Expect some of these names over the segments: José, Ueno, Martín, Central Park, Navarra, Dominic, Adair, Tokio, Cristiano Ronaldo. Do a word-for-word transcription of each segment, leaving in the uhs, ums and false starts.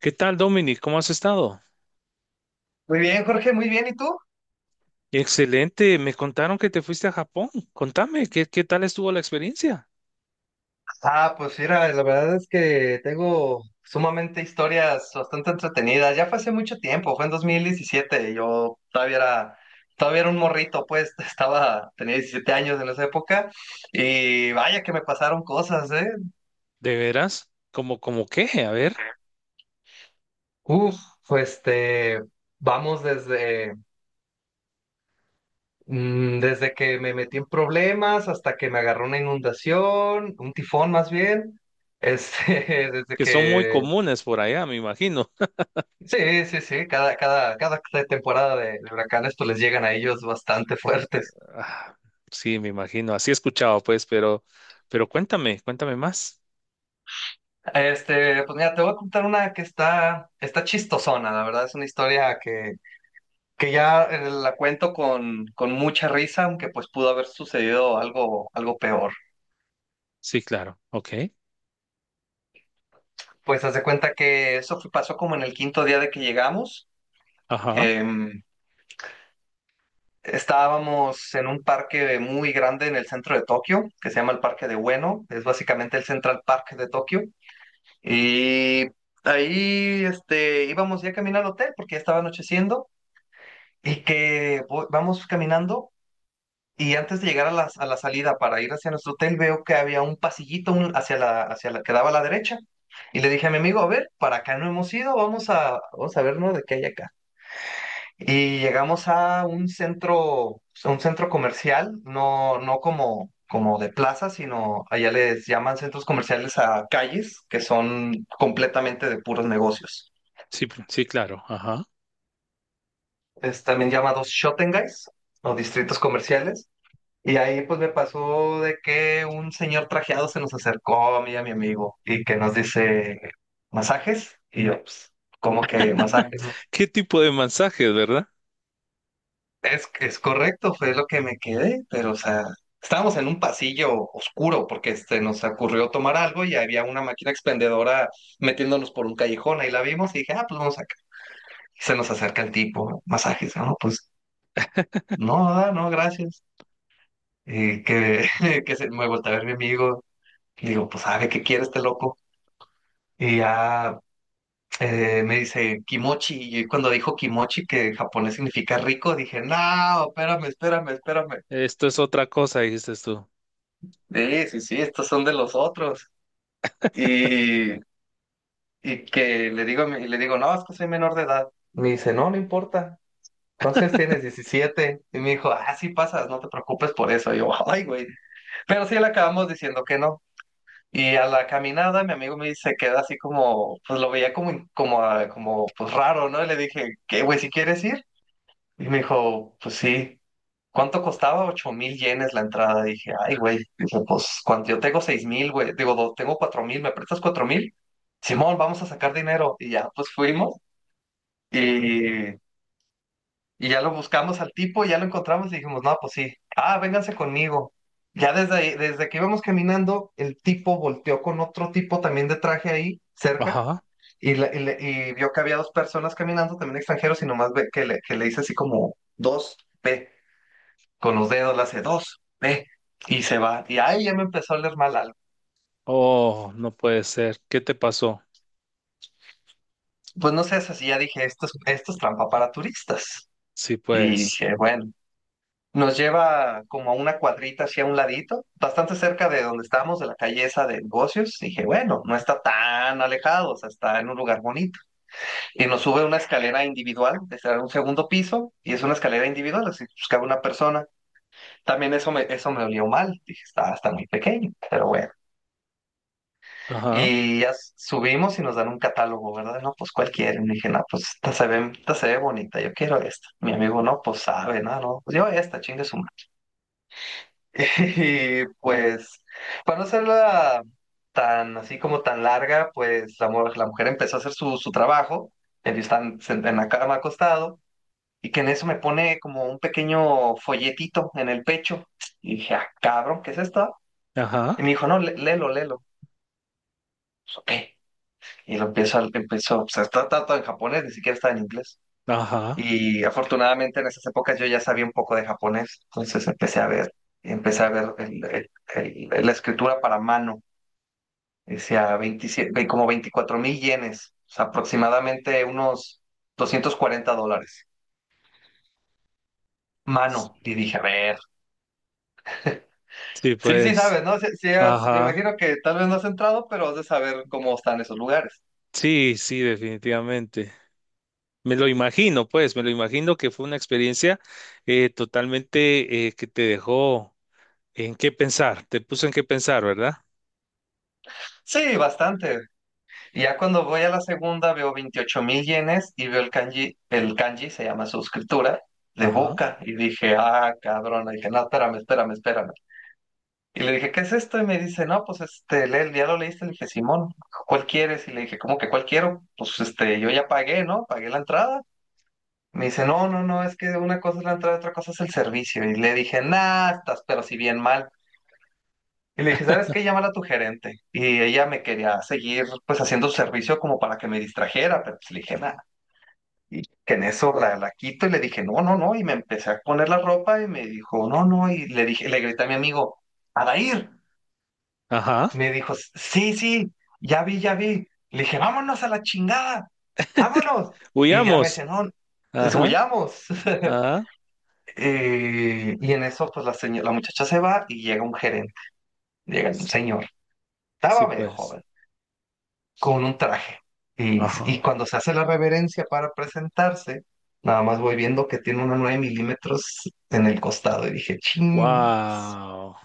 ¿Qué tal, Dominic? ¿Cómo has estado? Muy bien, Jorge, muy bien. ¿Y tú? Excelente. Me contaron que te fuiste a Japón. Contame, ¿qué, qué tal estuvo la experiencia? Ah, pues mira, la verdad es que tengo sumamente historias bastante entretenidas. Ya fue hace mucho tiempo, fue en dos mil diecisiete. Yo todavía era, todavía era un morrito, pues estaba, tenía diecisiete años en esa época. Y vaya que me pasaron cosas, ¿eh? ¿De veras? ¿Cómo, cómo qué? A ver, Uf, pues este, vamos desde, mm, desde que me metí en problemas hasta que me agarró una inundación, un tifón más bien. Este, desde que son muy que. comunes por allá, me imagino. Sí, sí, sí, cada, cada, cada temporada de, de huracanes pues les llegan a ellos bastante fuertes. Ah, sí, me imagino. Así he escuchado, pues, pero, pero cuéntame, cuéntame más. Este, pues mira, te voy a contar una que está, está chistosona, la verdad es una historia que, que ya eh, la cuento con, con mucha risa, aunque pues pudo haber sucedido algo, algo peor. Sí, claro. Ok. Pues haz de cuenta que eso fue- pasó como en el quinto día de que llegamos. Ajá. Em, estábamos en un parque muy grande en el centro de Tokio, que se llama el Parque de Ueno, es básicamente el Central Park de Tokio. Y ahí este, íbamos ya camino al hotel porque ya estaba anocheciendo y que vo- vamos caminando y antes de llegar a la, a la salida para ir hacia nuestro hotel veo que había un pasillito un- hacia la, hacia la, que daba a la derecha. Y le dije a mi amigo, a ver, para acá no hemos ido, vamos a, vamos a ver, ¿no? De qué hay acá. Y llegamos a un centro, a un centro comercial, no, no como, como de plaza, sino allá les llaman centros comerciales a calles que son completamente de puros negocios. Sí, pr- sí, claro. Ajá. Es también llamados Guys o distritos comerciales. Y ahí pues me pasó de que un señor trajeado se nos acercó a mí y a mi amigo y que nos dice masajes. Y yo, pues, ¿cómo que masajes? ¿Qué tipo de mensajes, verdad? Es, es correcto, fue lo que me quedé, pero o sea, estábamos en un pasillo oscuro porque este, nos ocurrió tomar algo y había una máquina expendedora metiéndonos por un callejón, ahí la vimos y dije, ah, pues vamos acá. Y se nos acerca el tipo, masajes, no, pues no, ah, no, gracias. Y que, que se, me voltea a ver mi amigo, y digo, pues sabe qué quiere este loco. Y ya eh, me dice kimochi, y cuando dijo kimochi, que en japonés significa rico, dije, no, espérame, espérame, espérame. Esto es otra cosa, dijiste tú. Sí, sí, sí, estos son de los otros. Y, y que le digo, a mi- y le digo, no, es que soy menor de edad. Me dice, no, no importa. ¿Cuántos años tienes? Diecisiete. Y me dijo, ah, sí pasas, no te preocupes por eso. Y yo, ay, güey. Pero sí le acabamos diciendo que no. Y a la caminada, mi amigo me dice, queda así como, pues lo veía como, in- como, ah, como, pues raro, ¿no? Y le dije, ¿qué, güey, si quieres ir? Y me dijo, pues sí. ¿Cuánto costaba? Ocho mil yenes la entrada. Dije, ay, güey. Dije, pues, cuando yo tengo seis mil, güey. Digo, do- tengo cuatro mil, ¿me prestas cuatro mil? Simón, vamos a sacar dinero. Y ya, pues fuimos. Y, y ya lo buscamos al tipo, ya lo encontramos y dijimos, no, pues sí. Ah, vénganse conmigo. Ya desde ahí, desde que íbamos caminando, el tipo volteó con otro tipo también de traje ahí, cerca. Ajá. Y, la- y le- y vio que había dos personas caminando, también extranjeros, y nomás ve que le, que le hice así como dos con los dedos, le hace dos, ve, y se va. Y ahí ya me empezó a oler mal algo. Oh, no puede ser. ¿Qué te pasó? Pues no sé, así ya dije, esto es, esto es trampa para turistas. Sí, Y pues. dije, bueno, nos lleva como a una cuadrita hacia un ladito, bastante cerca de donde estábamos, de la calle esa de negocios. Dije, bueno, no está tan alejado, o sea, está en un lugar bonito. Y nos sube una escalera individual, está en un segundo piso, y es una escalera individual, así pues cabe una persona. También eso me, eso me olió mal, dije, está, está muy pequeño, pero bueno. Ajá. Y ya s- subimos y nos dan un catálogo, ¿verdad? No, pues cualquiera. Y dije, no, pues esta se ve, esta se ve bonita, yo quiero esta. Mi amigo, no, pues sabe, no, no, pues yo esta, chingue su madre. Y pues, para no hacerla tan así como tan larga, pues la, mu- la mujer empezó a hacer su, su trabajo. Ellos están sent- en la cama acostado. Y que en eso me pone como un pequeño folletito en el pecho. Y dije, ah, cabrón, ¿qué es esto? Y Ajá. me dijo, no, lé- léelo, léelo. Pues, ok. Y lo empiezo, a- empiezo, o sea, está está todo en japonés, ni siquiera está en inglés. Ajá. Y afortunadamente en esas épocas yo ya sabía un poco de japonés, entonces empecé a ver, empecé a ver el- el- el- la escritura para mano, decía veintisiete mil, ve- como veinticuatro mil yenes, o sea, aproximadamente unos doscientos cuarenta dólares. Sí, Mano, y dije, a ver. Sí, sí, pues. sabes, ¿no? Sí, sí has- me Ajá. imagino que tal vez no has entrado, pero has de saber cómo están esos lugares. Sí, sí, definitivamente. Me lo imagino, pues, me lo imagino que fue una experiencia eh, totalmente eh, que te dejó en qué pensar, te puso en qué pensar, ¿verdad? Sí, bastante. Y ya cuando voy a la segunda veo veintiocho mil yenes y veo el kanji, el kanji se llama suscriptura, de Ajá. boca. Y dije, ah, cabrón. Le dije, no, espérame, espérame, espérame. Y le dije, ¿qué es esto? Y me dice, no, pues este, lee- ya lo leíste. Le dije, Simón, ¿cuál quieres? Y le dije, ¿cómo que cuál quiero? Pues este, yo ya pagué, ¿no? Pagué la entrada. Me dice, no, no, no, es que una cosa es la entrada, otra cosa es el servicio. Y le dije, nah, estás pero si bien mal. Y le dije, ¿sabes qué? Llámala a tu gerente. Y ella me quería seguir, pues, haciendo su servicio como para que me distrajera, pero pues le dije, nada. Y que en eso la, la quito y le dije, no, no, no. Y me empecé a poner la ropa y me dijo, no, no. Y le dije, le grité a mi amigo, Adair. Ajá. Me dijo, sí, sí, ya vi, ya vi. Le dije, vámonos a la chingada, vámonos. Y ya me decía, Huyamos. no, es- Ajá. huyamos. Ajá. Eh, y en eso, pues, la, seño- la muchacha se va y llega un gerente, llega un Sí, señor. sí, Estaba medio pues. joven, con un traje. Y, y Ajá. cuando se hace la reverencia para presentarse, nada más voy viendo que tiene una nueve milímetros en el costado y dije, ching. Wow.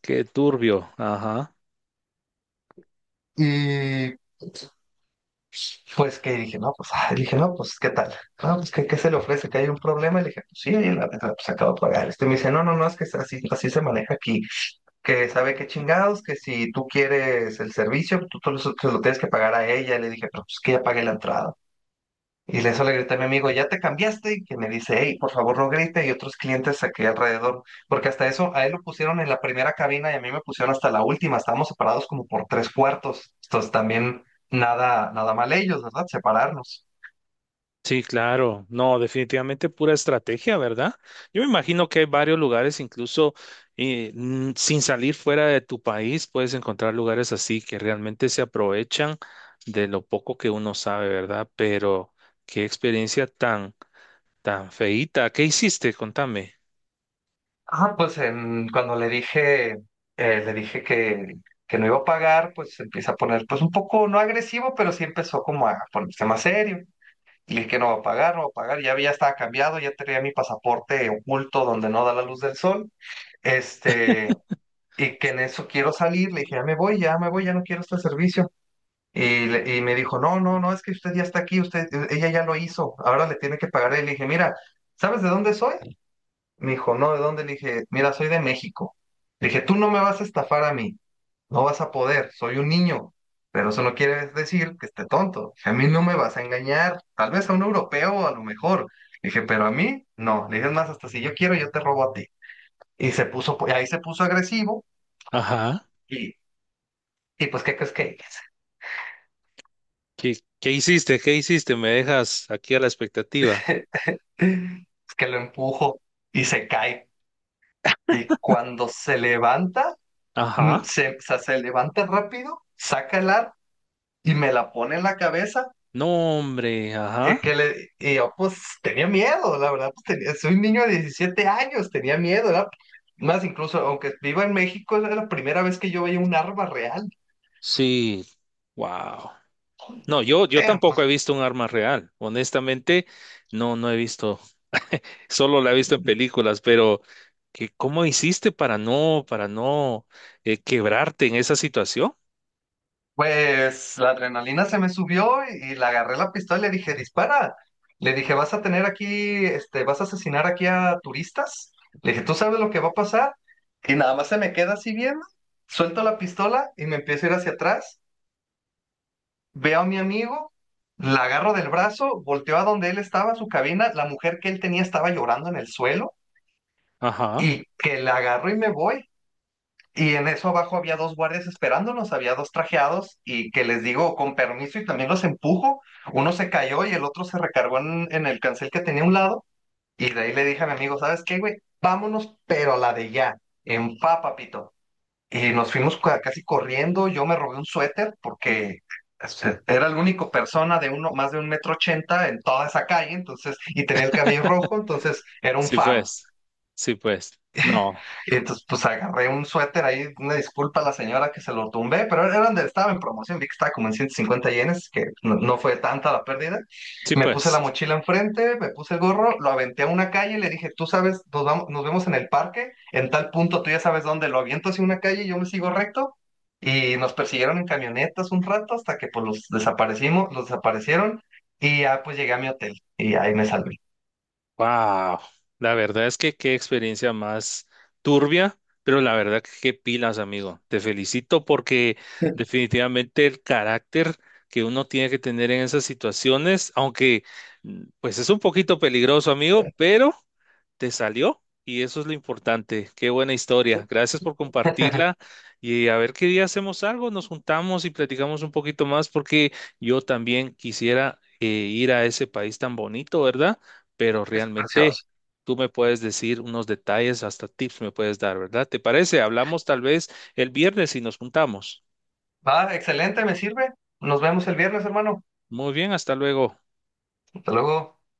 Qué turbio. Ajá. Y pues que dije, no, pues, ah, dije, no, pues, ¿qué tal? No, pues, ¿qué, qué se le ofrece? ¿Que hay un problema? Y le dije, pues sí, ahí en la mesa, pues acabo de pagar. Este me dice, no, no, no, es que es así, así se maneja aquí. Que sabe qué chingados, que si tú quieres el servicio, tú, tú lo, tú lo tienes que pagar a ella. Y le dije, pero pues que ya pagué la entrada. Y eso le grité a mi amigo, ¿ya te cambiaste? Y que me dice, hey, por favor no grite. Y otros clientes aquí alrededor, porque hasta eso a él lo pusieron en la primera cabina y a mí me pusieron hasta la última. Estábamos separados como por tres cuartos. Entonces también nada, nada mal ellos, ¿verdad? Separarnos. Sí, claro. No, definitivamente pura estrategia, ¿verdad? Yo me imagino que hay varios lugares, incluso eh, n- sin salir fuera de tu país, puedes encontrar lugares así que realmente se aprovechan de lo poco que uno sabe, ¿verdad? Pero qué experiencia tan, tan feíta. ¿Qué hiciste? Contame. Ah, pues en- cuando le dije, eh, le dije que, que no iba a pagar, pues se empieza a poner, pues un poco, no agresivo, pero sí empezó como a ponerse más serio. Y le dije que no va a pagar, no va a pagar. Ya, ya estaba cambiado, ya tenía mi pasaporte oculto donde no da la luz del sol. Este, y que en eso quiero salir, le dije, ya me voy, ya me voy, ya no quiero este servicio. Y, le- y me dijo, no, no, no, es que usted ya está aquí, usted, ella ya lo hizo, ahora le tiene que pagar. y le dije, mira, ¿sabes de dónde soy? Me dijo, no, ¿de dónde? Le dije, mira, soy de México. Le dije, tú no me vas a estafar a mí, no vas a poder, soy un niño, pero eso no quiere decir que esté tonto. A mí no me vas a engañar, tal vez a un europeo a lo mejor. Le dije, pero a mí no. Le dije, es más, hasta si yo quiero, yo te robo a ti. Y se puso, ahí se puso agresivo. Ajá. Y, y pues, ¿qué crees que hice? ¿Qué, qué hiciste? ¿Qué hiciste? Me dejas aquí a la expectativa. Es que lo empujo y se cae. Y cuando se levanta, mm, Ajá. se, o sea, se levanta rápido, saca el ar y me la pone en la cabeza. No, hombre. Y, Ajá. que le, y yo, pues, tenía miedo, la verdad, pues, tenía, soy un niño de diecisiete años, tenía miedo, era- Más incluso, aunque viva en México, era la primera vez que yo veía un arma real. Sí. Wow. No, yo, yo tampoco he visto un arma real. Honestamente, no, no he visto. Solo la he visto en películas, pero que ¿cómo hiciste para no, para no eh, quebrarte en esa situación? Pues la adrenalina se me subió y, y le agarré la pistola y le dije, dispara. Le dije, vas a tener aquí, este, vas a asesinar aquí a turistas. Le dije, ¿tú sabes lo que va a pasar? Y nada más se me queda así viendo. Suelto la pistola y me empiezo a ir hacia atrás. Veo a mi amigo, la agarro del brazo, volteo a donde él estaba, su cabina. La mujer que él tenía estaba llorando en el suelo Ajá. y que la agarro y me voy. Y en eso abajo había dos guardias esperándonos, había dos trajeados y que les digo con permiso y también los empujo. Uno se cayó y el otro se recargó en, en el cancel que tenía a un lado. Y de ahí le dije a mi amigo, ¿sabes qué, güey? Vámonos, pero a la de ya, en pa, papito. Y nos fuimos cua- casi corriendo. Yo me robé un suéter porque este, era la única persona de uno, más de un metro ochenta en toda esa calle, entonces, y tenía el cabello rojo, entonces era un Sí, faro. pues. Sí, pues. No. Y entonces, pues agarré un suéter ahí, una disculpa a la señora que se lo tumbé, pero era donde estaba en promoción, vi que estaba como en ciento cincuenta yenes, que no, no fue tanta la pérdida. Sí, Me puse la pues. mochila enfrente, me puse el gorro, lo aventé a una calle y le dije, tú sabes, nos, vamos, nos vemos en el parque, en tal punto tú ya sabes dónde, lo aviento hacia una calle y yo me sigo recto. Y nos persiguieron en camionetas un rato hasta que pues los desaparecimos, los desaparecieron y ya pues llegué a mi hotel y ahí me salvé. Wow, la verdad es que qué experiencia más turbia, pero la verdad que qué pilas, amigo. Te felicito porque definitivamente el carácter que uno tiene que tener en esas situaciones, aunque mm, pues es un poquito peligroso, amigo, pero te salió y eso es lo importante. Qué buena historia. Gracias por compartirla y a ver qué día hacemos algo, nos juntamos y platicamos un poquito más porque yo también quisiera eh, ir a ese país tan bonito, ¿verdad? Pero Es realmente precioso. tú me puedes decir unos detalles, hasta tips me puedes dar, ¿verdad? ¿Te parece? Hablamos tal vez el viernes y nos juntamos. Va, excelente, me sirve. Nos vemos el viernes, hermano. Muy bien, hasta luego. Hasta luego.